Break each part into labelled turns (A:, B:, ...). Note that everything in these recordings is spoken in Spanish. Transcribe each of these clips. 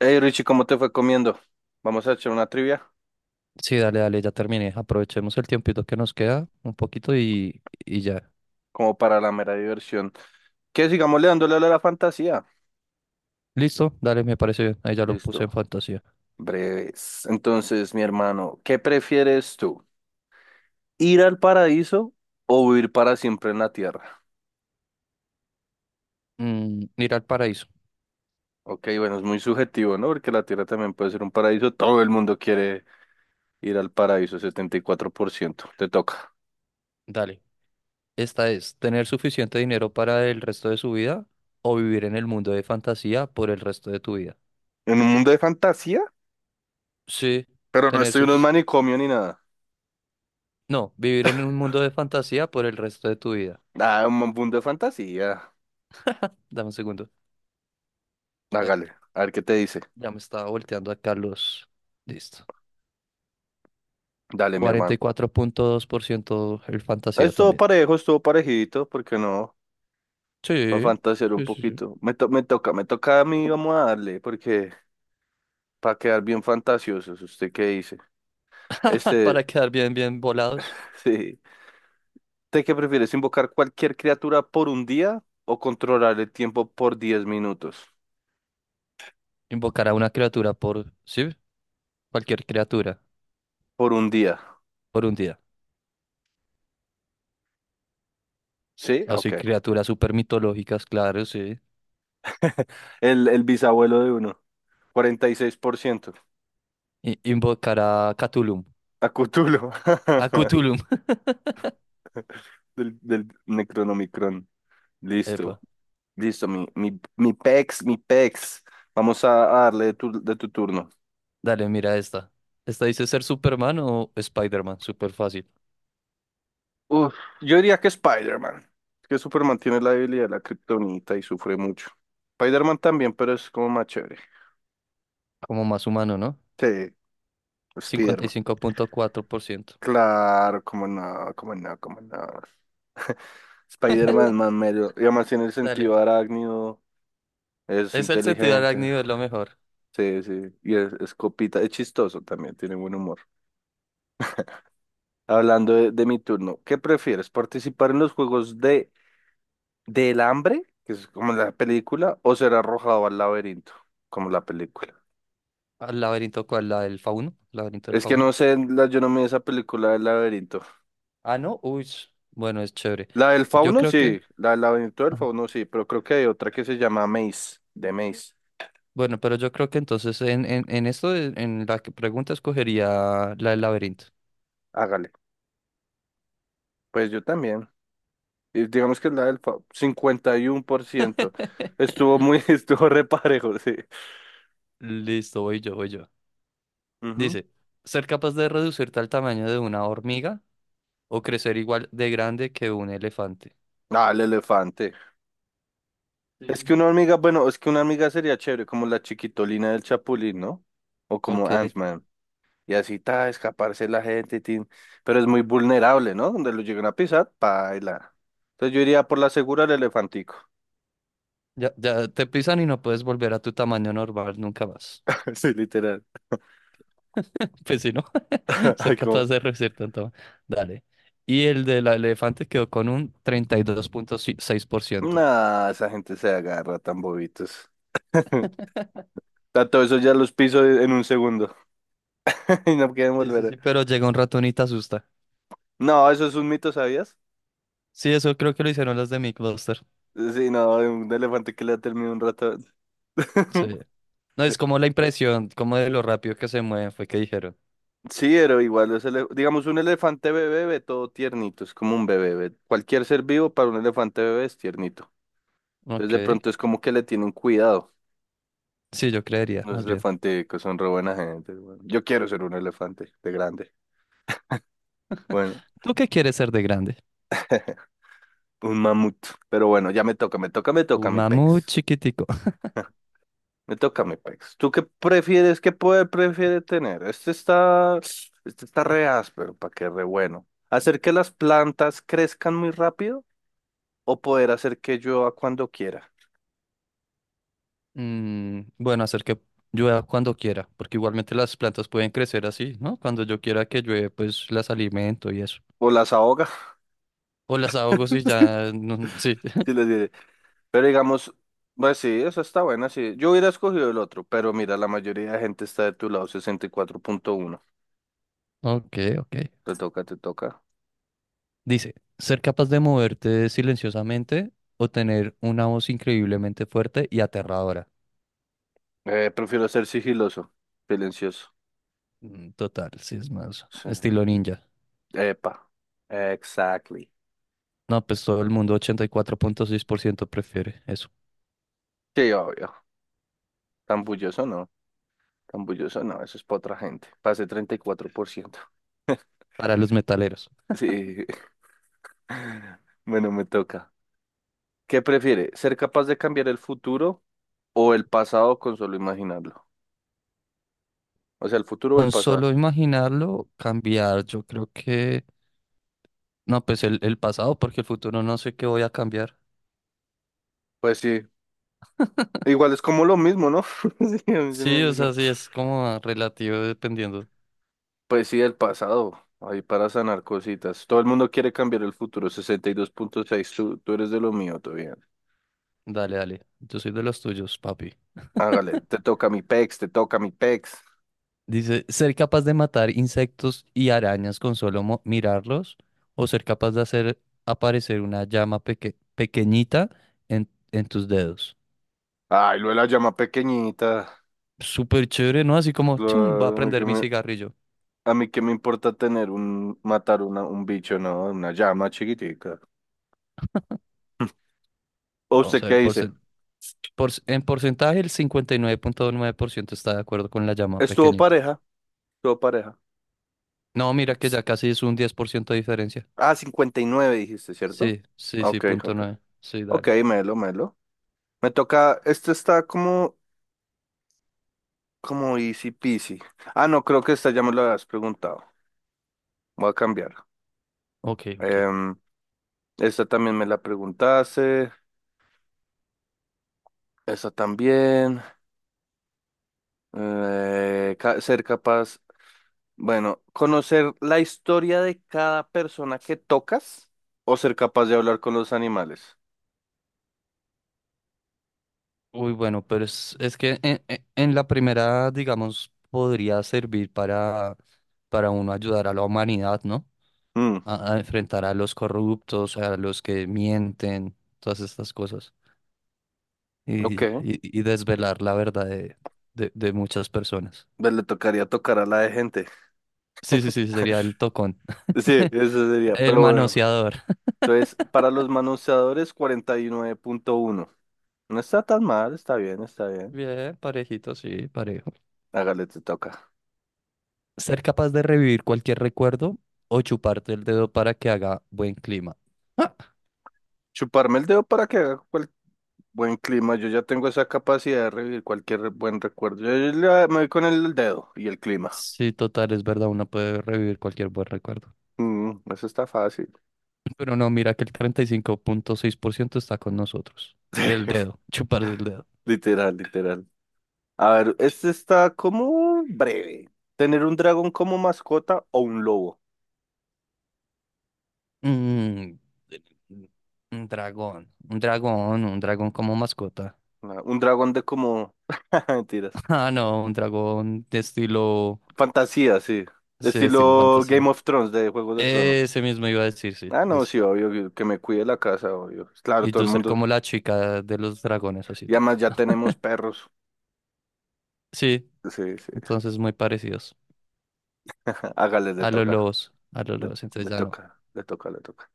A: Hey Richie, ¿cómo te fue comiendo? Vamos a echar una trivia
B: Sí, dale, dale, ya terminé. Aprovechemos el tiempito que nos queda un poquito y ya.
A: como para la mera diversión. Que sigamos le dándole a la fantasía.
B: Listo, dale, me parece bien. Ahí ya lo puse en
A: Listo,
B: fantasía.
A: breves. Entonces, mi hermano, ¿qué prefieres tú? ¿Ir al paraíso o vivir para siempre en la tierra?
B: Mm, ir al paraíso.
A: Ok, bueno, es muy subjetivo, ¿no? Porque la tierra también puede ser un paraíso. Todo el mundo quiere ir al paraíso, 74%. Te toca.
B: Dale. Esta es tener suficiente dinero para el resto de su vida o vivir en el mundo de fantasía por el resto de tu vida.
A: En un mundo de fantasía,
B: Sí,
A: pero no
B: tener
A: estoy en un
B: suficiente.
A: manicomio ni nada.
B: No, vivir en un mundo de fantasía por el resto de tu vida.
A: Ah, un mundo de fantasía.
B: Dame un segundo. Ay,
A: Hágale, a ver qué te dice.
B: ya me estaba volteando a Carlos. Listo.
A: Dale, mi
B: Cuarenta
A: hermano.
B: y cuatro punto dos por ciento el fantasía
A: Estuvo
B: también.
A: parejo, estuvo parejito, porque no, para
B: Sí,
A: fantasear un
B: sí, sí, sí.
A: poquito. Me toca, me toca a mí, vamos a darle, porque para quedar bien fantasiosos, ¿usted qué dice? Este,
B: Para quedar bien, bien volados,
A: sí. ¿Usted qué prefieres, invocar cualquier criatura por un día o controlar el tiempo por diez minutos?
B: invocar a una criatura por, sí, cualquier criatura
A: Por un día.
B: por un día.
A: ¿Sí?
B: Así,
A: Ok.
B: criaturas super mitológicas, claro, sí.
A: El bisabuelo de uno, 46%.
B: Invocar a Cthulhu.
A: A Cthulhu,
B: A Cthulhu.
A: del Necronomicron. Listo.
B: Epa,
A: Listo, mi pex, mi pex. Vamos a darle de tu turno.
B: dale, mira esta. Esta dice ser Superman o Spider-Man, súper fácil.
A: Uf, yo diría que Spider-Man. Es que Superman tiene la debilidad de la kriptonita y sufre mucho. Spider-Man también, pero es como más chévere.
B: Como más humano, ¿no?
A: Sí,
B: cincuenta y
A: Spider-Man.
B: cinco punto cuatro por ciento
A: Claro, como no, como no, como no. Spider-Man es más mero. Y además tiene el
B: Dale.
A: sentido arácnido. Es
B: Es el sentido
A: inteligente.
B: arácnido, es lo mejor.
A: Sí, sí. Y es copita. Es chistoso también. Tiene buen humor. Hablando de mi turno, ¿qué prefieres? ¿Participar en los juegos de del hambre, que es como la película, o ser arrojado al laberinto, como la película?
B: ¿Al laberinto cuál? ¿La del fauno? ¿Laberinto del
A: Es que
B: fauno?
A: no sé, yo no me vi esa película del laberinto.
B: Ah, no. Uy, bueno, es chévere.
A: La del
B: Yo
A: fauno,
B: creo que.
A: sí, la del laberinto del fauno, sí, pero creo que hay otra que se llama Maze, de Maze.
B: Bueno, pero yo creo que entonces en esto, en la que pregunta, escogería la del laberinto.
A: Hágale. Pues yo también. Y digamos que la del fauno, 51%. Estuvo muy, estuvo reparejo, sí.
B: Listo, voy yo, voy yo.
A: Ujú.
B: Dice, ser capaz de reducirte al tamaño de una hormiga o crecer igual de grande que un elefante.
A: Ah, el elefante.
B: Sí,
A: Es
B: sí,
A: que una
B: sí.
A: hormiga, bueno, es que una hormiga sería chévere, como la chiquitolina del Chapulín, ¿no? O como
B: Ok,
A: Ant-Man. Y así, ta, escaparse la gente, tin. Pero es muy vulnerable, ¿no? Donde lo lleguen a pisar, paila. Entonces yo iría por la segura el elefantico.
B: ya, ya te pisan y no puedes volver a tu tamaño normal nunca más.
A: Sí, literal.
B: Pues si, ¿no?
A: Ay,
B: Ser capaz
A: como...
B: de reducir tanto. Dale. Y el del elefante quedó con un 32,6%.
A: Nah, esa gente se agarra tan bobitos. Tanto eso ya los piso en un segundo. Y no quieren
B: Sí, sí,
A: volver.
B: sí. Pero llega un ratón y te asusta.
A: No, eso es un mito, ¿sabías?
B: Sí, eso creo que lo hicieron los de MythBusters.
A: Sí, no, de un elefante que le ha terminado un rato.
B: Sí. No, es como la impresión, como de lo rápido que se mueven, fue que dijeron.
A: Sí, pero igual, digamos, un elefante bebé ve todo tiernito, es como un bebé, cualquier ser vivo para un elefante bebé es tiernito. Entonces de
B: Ok.
A: pronto es como que le tienen cuidado.
B: Sí, yo creería,
A: Los
B: más bien.
A: elefantes que son re buena gente. Bueno. Yo quiero ser un elefante de grande. Bueno,
B: ¿Tú qué quieres ser de grande?
A: un mamut. Pero bueno, ya me toca, me
B: Un
A: toca mi
B: mamut
A: pex.
B: chiquitico.
A: Me toca mi pex. ¿Tú qué prefieres, qué poder prefieres tener? Este está re áspero, para que re bueno. ¿Hacer que las plantas crezcan muy rápido o poder hacer que llueva cuando quiera?
B: Mm, bueno, hacer que llueva cuando quiera, porque igualmente las plantas pueden crecer así, ¿no? Cuando yo quiera que llueve, pues las alimento y eso.
A: O las ahoga,
B: O las ahogo si ya... sí.
A: si les diré. Pero digamos, pues sí, eso está buena, sí. Yo hubiera escogido el otro, pero mira, la mayoría de gente está de tu lado, 64.1.
B: Ok, ok.
A: Te toca, te toca.
B: Dice, ser capaz de moverte silenciosamente o tener una voz increíblemente fuerte y aterradora.
A: Prefiero ser sigiloso, silencioso.
B: Mm, total, sí, es más
A: Sí.
B: estilo ninja.
A: Epa. Exactly.
B: No, pues todo el mundo, 84,6% prefiere eso.
A: Sí, obvio. Tan bulloso no. Tan bulloso no, eso es para otra gente. Pasé 34%.
B: Para los metaleros.
A: Sí. Bueno, me toca. ¿Qué prefiere? ¿Ser capaz de cambiar el futuro o el pasado con solo imaginarlo? O sea, el futuro o el
B: Con
A: pasado.
B: solo imaginarlo, cambiar, yo creo que... No, pues el pasado, porque el futuro no sé qué voy a cambiar.
A: Pues sí, igual es como lo mismo, ¿no? Sí, a mí se me
B: Sí, o
A: hace como-
B: sea, sí, es como relativo dependiendo.
A: Pues sí, el pasado, ahí para sanar cositas. Todo el mundo quiere cambiar el futuro, 62.6 tú, tú eres de lo mío, todo bien.
B: Dale, dale. Yo soy de los tuyos, papi.
A: Hágale, te toca mi pex, te toca mi pex.
B: Dice, ser capaz de matar insectos y arañas con solo mirarlos o ser capaz de hacer aparecer una llama pequeñita en tus dedos.
A: Ay, lo de la llama pequeñita.
B: Súper chévere, ¿no? Así como, chum, va a
A: Claro,
B: prender mi cigarrillo.
A: a mí qué me importa tener un, matar una, un bicho, ¿no? Una llama chiquitica. ¿O
B: Vamos
A: usted
B: a
A: qué
B: ver,
A: dice?
B: en porcentaje el 59,9% está de acuerdo con la llama
A: Estuvo
B: pequeñita.
A: pareja, estuvo pareja.
B: No, mira que ya casi es un 10% de diferencia.
A: Ah, 59 dijiste, ¿cierto?
B: Sí, sí, sí,
A: Ok,
B: punto
A: ok.
B: nueve. Sí,
A: Ok,
B: dale.
A: melo, melo. Me toca, como easy peasy. Ah, no, creo que esta ya me lo habías preguntado. Voy a cambiar.
B: Ok, ok.
A: Em, esta también me la preguntaste. Esta también. Ser capaz, bueno, conocer la historia de cada persona que tocas o ser capaz de hablar con los animales.
B: Uy, bueno, pero es que en la primera, digamos, podría servir para uno ayudar a la humanidad, ¿no?
A: Mm,
B: A enfrentar a los corruptos, a los que mienten, todas estas cosas. y, y-
A: ok.
B: y desvelar la verdad de, de muchas personas.
A: Pues le tocaría tocar a la de gente.
B: Sí, sí, sí, sería el tocón.
A: Sí, eso sería,
B: El
A: pero bueno.
B: manoseador.
A: Entonces, para los manoseadores, 49.1. No está tan mal, está bien, está bien.
B: Bien, parejito, sí, parejo.
A: Hágale, te toca.
B: Ser capaz de revivir cualquier recuerdo o chuparte el dedo para que haga buen clima. Ah,
A: Chuparme el dedo para que haga cual- Buen clima. Yo ya tengo esa capacidad de revivir buen recuerdo. Me voy con el dedo y el clima.
B: sí, total, es verdad, uno puede revivir cualquier buen recuerdo.
A: Mm, eso está fácil.
B: Pero no, mira que el 35.6% está con nosotros. Del dedo, chuparse el dedo.
A: Literal, literal. A ver, este está como breve. ¿Tener un dragón como mascota o un lobo?
B: Mm, un dragón, un dragón, un dragón como mascota.
A: Ah, un dragón de como... Mentiras.
B: Ah, no, un dragón de estilo,
A: Fantasía, sí.
B: sí, de estilo
A: Estilo Game
B: fantasía.
A: of Thrones, de Juegos de Tronos.
B: Ese mismo iba a decir, sí,
A: Ah, no,
B: ese.
A: sí, obvio, que me cuide la casa, obvio. Claro,
B: Y
A: todo
B: tú
A: el
B: ser
A: mundo.
B: como la chica de los dragones, así
A: Y
B: tal.
A: además ya tenemos perros.
B: Sí,
A: Sí, sí.
B: entonces muy parecidos
A: Hágale, le toca.
B: a los
A: Le,
B: lobos, entonces
A: le
B: ya no.
A: toca, le toca, le toca.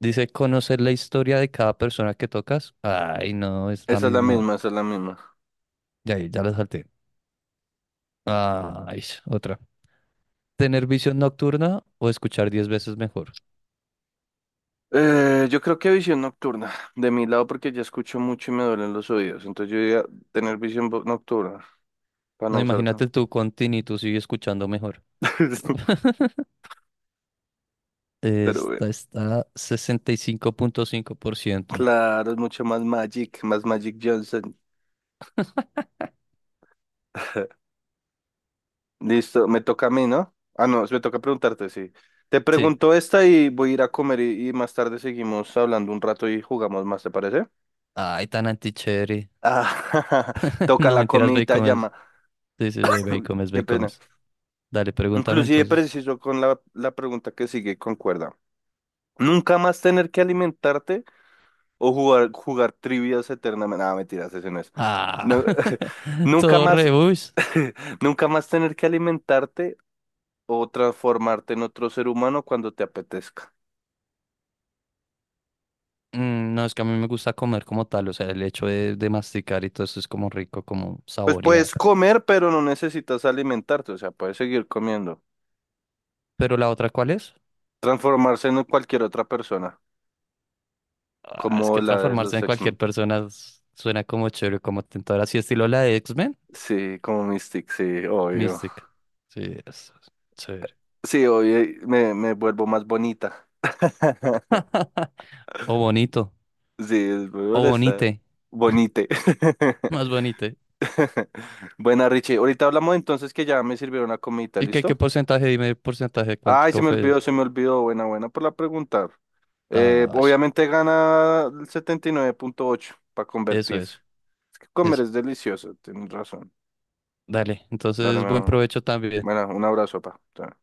B: Dice conocer la historia de cada persona que tocas. Ay, no, es la
A: Esa es la
B: misma.
A: misma, esa es la misma.
B: Ya, ahí, ya la salté. Ay, otra. ¿Tener visión nocturna o escuchar 10 veces mejor?
A: Yo creo que visión nocturna. De mi lado, porque ya escucho mucho y me duelen los oídos. Entonces yo diría tener nocturna, para
B: No,
A: no usar
B: imagínate
A: tanto.
B: tú con tinnitus y escuchando mejor.
A: Pero bueno.
B: Esta está 65.5%.
A: Claro, es mucho más Magic Johnson. Listo, me toca a mí, ¿no? Ah, no, me toca preguntarte, sí. Te
B: Sí.
A: pregunto esta y voy a ir a comer y, más tarde seguimos hablando un rato y jugamos más, ¿te parece?
B: Ay, tan anticheri.
A: Ah, toca
B: No,
A: la
B: mentiras, ve y
A: comidita
B: comes.
A: llama.
B: Sí, sí, sí, ve y comes, ve
A: Qué
B: y
A: pena.
B: comes. Dale, pregúntame
A: Inclusive
B: entonces.
A: preciso con la pregunta que sigue, concuerda. Nunca más tener que alimentarte o jugar trivias eternamente. Ah, mentiras, ese no es.
B: Ah,
A: No, nunca
B: todo
A: más,
B: rebus.
A: nunca más tener que alimentarte o transformarte en otro ser humano cuando te apetezca.
B: Mm, no, es que a mí me gusta comer como tal, o sea, el hecho de masticar y todo eso es como rico, como
A: Pues puedes
B: saborear.
A: comer, pero no necesitas alimentarte, o sea, puedes seguir comiendo.
B: Pero la otra, ¿cuál es?
A: Transformarse en cualquier otra persona,
B: Ah, es
A: como
B: que
A: la de
B: transformarse
A: los
B: en cualquier
A: X-Men.
B: persona suena como chévere, como tentador, así estilo la de X-Men.
A: Sí, como Mystic, sí, obvio.
B: Mystic. Sí, es chévere.
A: Sí, obvio, me vuelvo más bonita.
B: O bonito.
A: Sí, es muy
B: O
A: molesta.
B: Bonite,
A: Bonite.
B: más Bonite.
A: Buena, Richie. Ahorita hablamos entonces que ya me sirvieron la comidita,
B: ¿Y qué, qué
A: ¿listo?
B: porcentaje? Dime el porcentaje, cuánto,
A: Ay, se
B: cómo
A: me
B: fue
A: olvidó,
B: eso.
A: se me olvidó. Buena, buena por la pregunta.
B: Ah,
A: Obviamente gana el 79.8 para
B: eso,
A: convertirse.
B: eso,
A: Es que comer
B: eso.
A: es delicioso, tienes razón.
B: Dale,
A: Dale,
B: entonces
A: mi
B: buen
A: amor.
B: provecho también.
A: Bueno, un abrazo, pa. Chao.